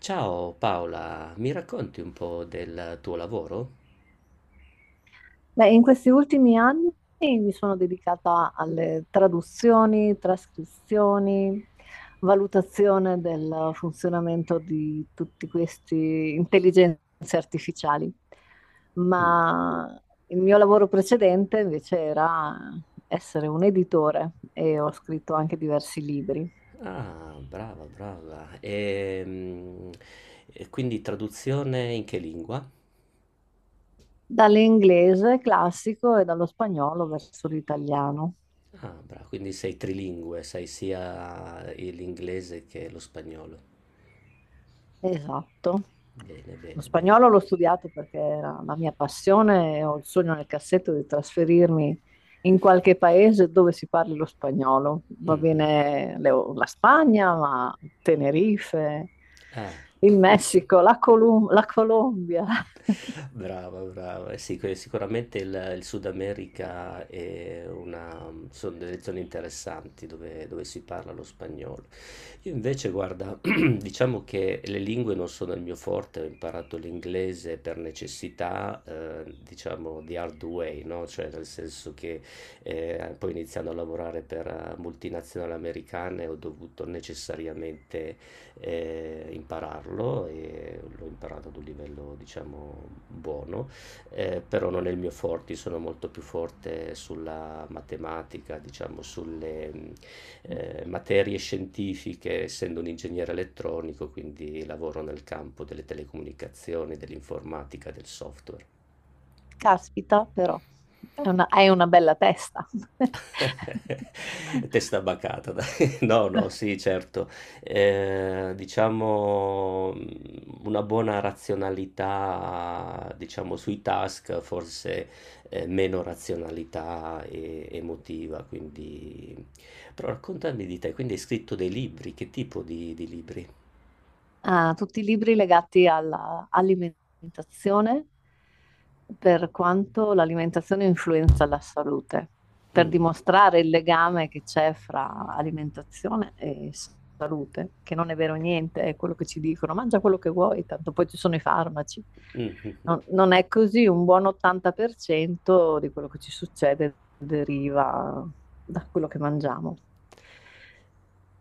Ciao Paola, mi racconti un po' del tuo lavoro? Beh, in questi ultimi anni mi sono dedicata alle traduzioni, trascrizioni, valutazione del funzionamento di tutti questi intelligenze artificiali, Mm. ma il mio lavoro precedente invece era essere un editore e ho scritto anche diversi libri, Ah, brava, brava. E, quindi traduzione in che lingua? dall'inglese classico e dallo spagnolo verso l'italiano. Ah, brava, quindi sei trilingue, sai sia l'inglese che lo spagnolo. Esatto. Bene, Lo bene, bene. spagnolo l'ho studiato perché era la mia passione e ho il sogno nel cassetto di trasferirmi in qualche paese dove si parli lo spagnolo. Va Mhm. bene la Spagna, ma Tenerife, il Eh. Messico, la Colombia. Brava, brava. Eh sì, sicuramente il Sud America sono delle zone interessanti dove si parla lo spagnolo. Io invece, guarda, diciamo che le lingue non sono il mio forte, ho imparato l'inglese per necessità, diciamo, the hard way, no? Cioè, nel senso che poi iniziando a lavorare per multinazionali americane ho dovuto necessariamente impararlo e l'ho imparato ad un livello diciamo buono, però non è il mio forte, io sono molto più forte sulla matematica, diciamo sulle materie scientifiche, essendo un ingegnere elettronico, quindi lavoro nel campo delle telecomunicazioni, dell'informatica, del software. Caspita, però, hai una bella testa. Testa bacata, dai. No, no, sì, certo. Diciamo una buona razionalità, diciamo, sui task, forse meno razionalità emotiva. Quindi. Però raccontami di te, quindi hai scritto dei libri, che tipo di libri? Ah, tutti i libri legati all'alimentazione, per quanto l'alimentazione influenza la salute, per Mm, dimostrare il legame che c'è fra alimentazione e salute, che non è vero niente, è quello che ci dicono, mangia quello che vuoi, tanto poi ci sono i farmaci. mm, mm. Non è così, un buon 80% di quello che ci succede deriva da quello che mangiamo.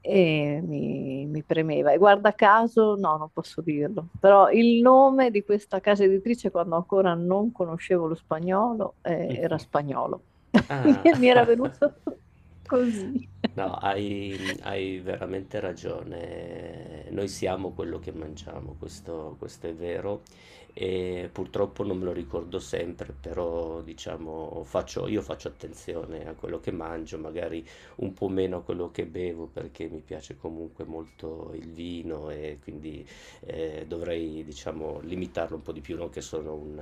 E mi premeva. E guarda caso, no, non posso dirlo, però il nome di questa casa editrice, quando ancora non conoscevo lo spagnolo, era Mh-mh. spagnolo. Ah. Mi era venuto così. No, hai veramente ragione. Noi siamo quello che mangiamo, questo è vero e purtroppo non me lo ricordo sempre, però diciamo faccio io faccio attenzione a quello che mangio, magari un po' meno a quello che bevo perché mi piace comunque molto il vino e quindi, dovrei diciamo limitarlo un po' di più, non che sono un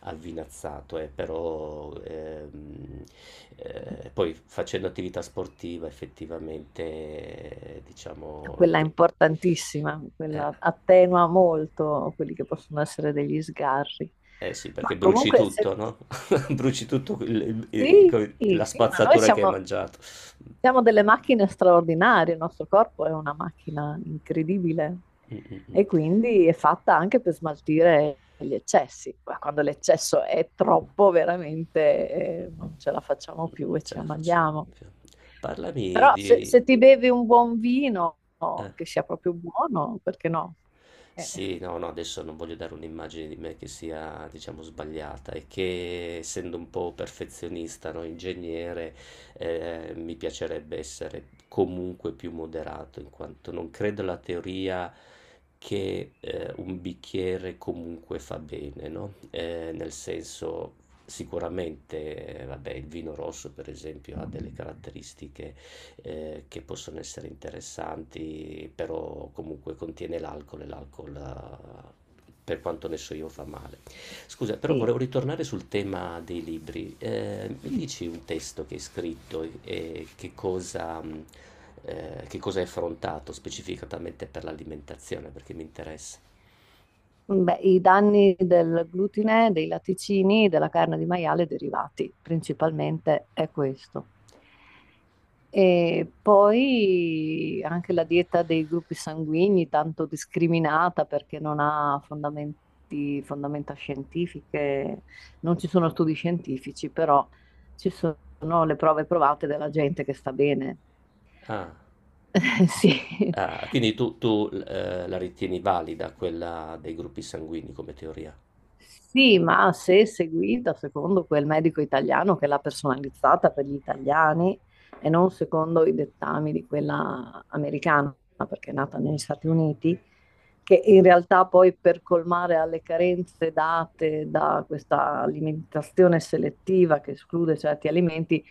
avvinazzato, però poi facendo attività sportiva effettivamente, diciamo, Quella è importantissima, eh, quella attenua molto quelli che possono essere degli sgarri. eh sì, Ma perché bruci comunque, se... tutto, no? Bruci tutto sì, la sì, ma noi spazzatura che hai siamo. mangiato. Siamo delle macchine straordinarie, il nostro corpo è una macchina incredibile Mm, mm, mm. e quindi è fatta anche per smaltire gli eccessi. Ma quando l'eccesso è troppo, veramente non ce la facciamo più Non e ce ci la faccio. ammaliamo. Parlami Però di. se ti bevi un buon vino, Eh. che sia proprio buono, perché no? Eh, Sì, no, no, adesso non voglio dare un'immagine di me che sia, diciamo, sbagliata e che essendo un po' perfezionista, no, ingegnere, mi piacerebbe essere comunque più moderato, in quanto non credo alla teoria che un bicchiere comunque fa bene, no? Nel senso, sicuramente, vabbè, il vino rosso, per esempio, ha delle caratteristiche che possono essere interessanti, però comunque contiene l'alcol e l'alcol, per quanto ne so io, fa male. Scusa, però sì. volevo ritornare sul tema dei libri. Mi Sì. dici un testo che hai scritto e che cosa hai affrontato specificatamente per l'alimentazione, perché mi interessa. Beh, i danni del glutine, dei latticini, della carne di maiale derivati, principalmente è questo. E poi anche la dieta dei gruppi sanguigni, tanto discriminata perché non ha fondamenta scientifiche, non ci sono studi scientifici, però ci sono le prove provate della gente che sta bene. Ah, Sì. ah, quindi tu, la ritieni valida quella dei gruppi sanguigni come teoria? Sì, ma se seguita secondo quel medico italiano che l'ha personalizzata per gli italiani e non secondo i dettami di quella americana, perché è nata negli Stati Uniti che in realtà poi per colmare alle carenze date da questa alimentazione selettiva che esclude certi alimenti,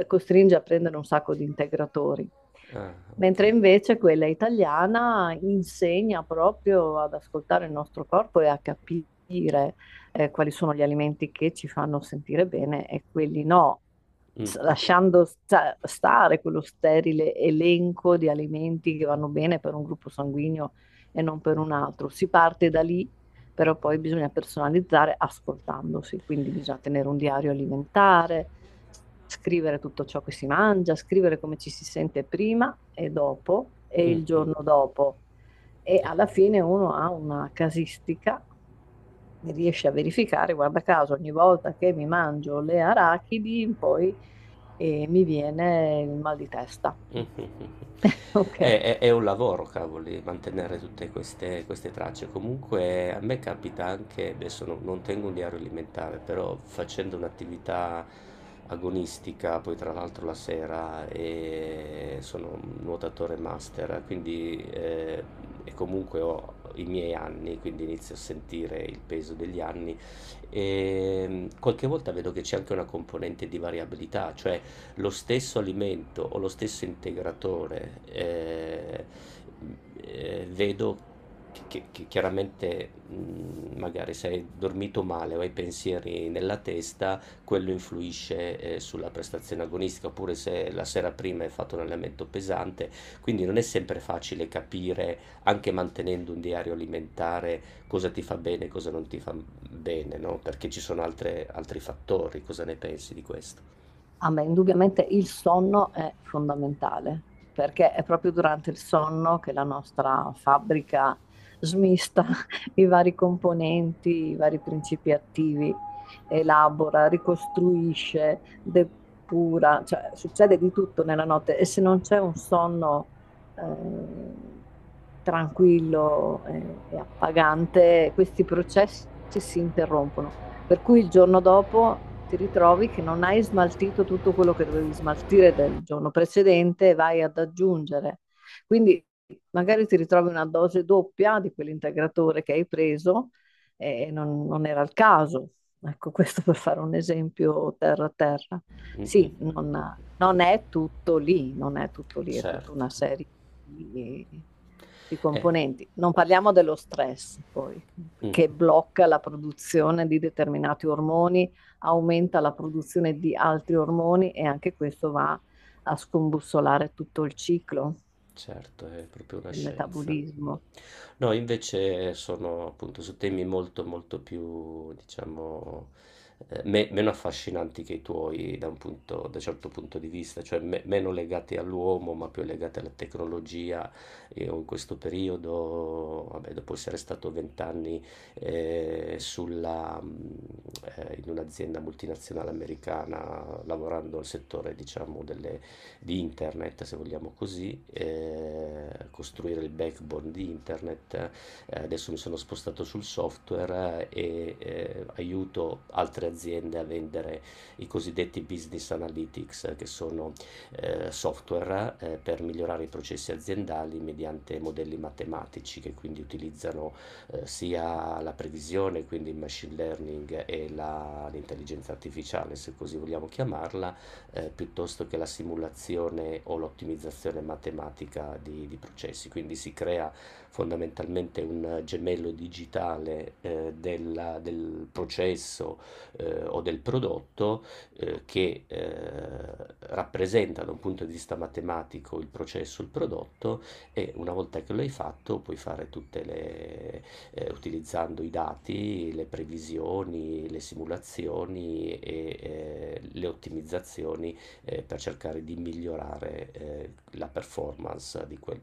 costringe a prendere un sacco di integratori. Ah, ok. Mentre invece quella italiana insegna proprio ad ascoltare il nostro corpo e a capire quali sono gli alimenti che ci fanno sentire bene e quelli no, Mm, mm, lasciando stare quello sterile elenco di alimenti che vanno bene per un gruppo sanguigno e non per un altro. Si parte da lì, però poi bisogna personalizzare ascoltandosi, quindi bisogna tenere un diario alimentare, scrivere tutto ciò che si mangia, scrivere come ci si sente prima e dopo e mm, il mm. giorno dopo. E alla fine uno ha una casistica e riesce a verificare, guarda caso, ogni volta che mi mangio le arachidi, poi mi viene il mal di testa. È, Ok. è- è un lavoro, cavoli, mantenere tutte queste tracce. Comunque a me capita anche, adesso non tengo un diario alimentare, però facendo un'attività agonistica, poi tra l'altro la sera, e sono un nuotatore master, quindi e comunque ho i miei anni, quindi inizio a sentire il peso degli anni. E, qualche volta vedo che c'è anche una componente di variabilità, cioè lo stesso alimento o lo stesso integratore, vedo che chiaramente magari se hai dormito male o hai pensieri nella testa, quello influisce sulla prestazione agonistica, oppure se la sera prima hai fatto un allenamento pesante, quindi non è sempre facile capire, anche mantenendo un diario alimentare, cosa ti fa bene e cosa non ti fa bene, no? Perché ci sono altri fattori, cosa ne pensi di questo? Ah, beh, indubbiamente il sonno è fondamentale, perché è proprio durante il sonno che la nostra fabbrica smista i vari componenti, i vari principi attivi, elabora, ricostruisce, depura, cioè succede di tutto nella notte e se non c'è un sonno eh, tranquillo e appagante, questi processi si interrompono, per cui il giorno dopo ti ritrovi che non hai smaltito tutto quello che dovevi smaltire del giorno precedente e vai ad aggiungere. Quindi magari ti ritrovi una dose doppia di quell'integratore che hai preso e non era il caso. Ecco, questo per fare un esempio terra a terra. Mm, mm. Sì, non è tutto lì, non è tutto lì, è tutta Certo, una serie di eh, componenti. Non parliamo dello stress, poi, mh, che blocca la produzione di determinati ormoni, aumenta la produzione di altri ormoni e anche questo va a scombussolare tutto il ciclo certo, è proprio una del scienza. Mh. metabolismo. No, invece sono appunto su temi molto, molto più, diciamo, meno affascinanti che i tuoi da un certo punto di vista, cioè meno legati all'uomo, ma più legati alla tecnologia. Io in questo periodo, vabbè, dopo essere stato vent'anni eh, sulla, mh, in un'azienda multinazionale americana, lavorando nel settore, diciamo, delle di internet, se vogliamo così, costruire il backbone di internet. Adesso mi sono spostato sul software e aiuto altre aziende a vendere i cosiddetti business analytics, che sono software per migliorare i processi aziendali mediante modelli matematici che quindi utilizzano sia la previsione, quindi il machine learning e l'intelligenza artificiale, se così vogliamo chiamarla piuttosto che la simulazione o l'ottimizzazione matematica di processi. Quindi si crea fondamentalmente un gemello digitale del processo o del prodotto che rappresenta da un punto di vista matematico il processo, il prodotto e una volta che lo hai fatto puoi fare tutte utilizzando i dati, le previsioni, le simulazioni e le ottimizzazioni per cercare di migliorare la performance di quel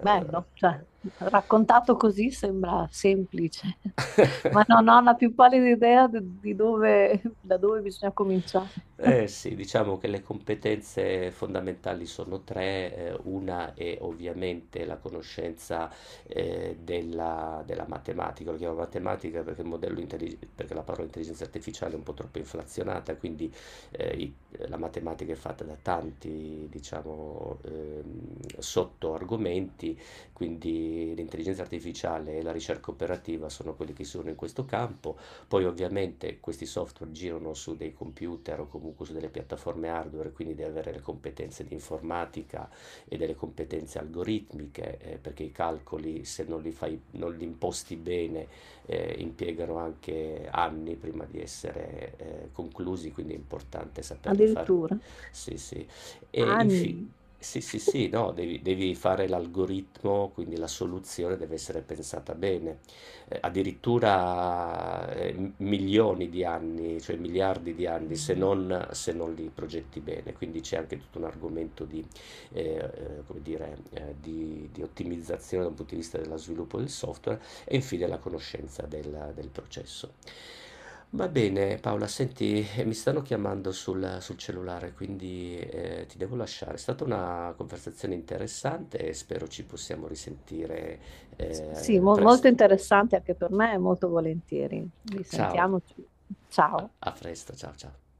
Bello, cioè, raccontato così sembra semplice, ma no, non ho la più pallida idea di dove, da dove bisogna cominciare. Eh sì, diciamo che le competenze fondamentali sono tre, una è ovviamente la conoscenza della matematica, lo chiamo matematica perché la parola intelligenza artificiale è un po' troppo inflazionata, quindi eh, i- la matematica è fatta da tanti, diciamo, sottoargomenti, quindi l'intelligenza artificiale e la ricerca operativa sono quelli che sono in questo campo. Poi ovviamente questi software girano su dei computer o comunque su delle piattaforme hardware, quindi devi avere le competenze di informatica e delle competenze algoritmiche, perché i calcoli, se non li fai, non li imposti bene, impiegano anche anni prima di essere conclusi, quindi è importante saperli fare. Addirittura Sì, sì. E infine, anni. sì, sì, sì, no, devi fare l'algoritmo, quindi la soluzione deve essere pensata bene addirittura milioni di anni, cioè miliardi di anni, se non li progetti bene. Quindi c'è anche tutto un argomento come dire, di ottimizzazione da un punto di vista dello sviluppo del software e infine la conoscenza del processo. Va bene, Paola, senti, mi stanno chiamando sul cellulare, quindi ti devo lasciare. È stata una conversazione interessante e spero ci possiamo risentire Sì, molto presto. interessante anche per me, molto volentieri. Ciao, Risentiamoci. a Ciao. a presto, ciao ciao.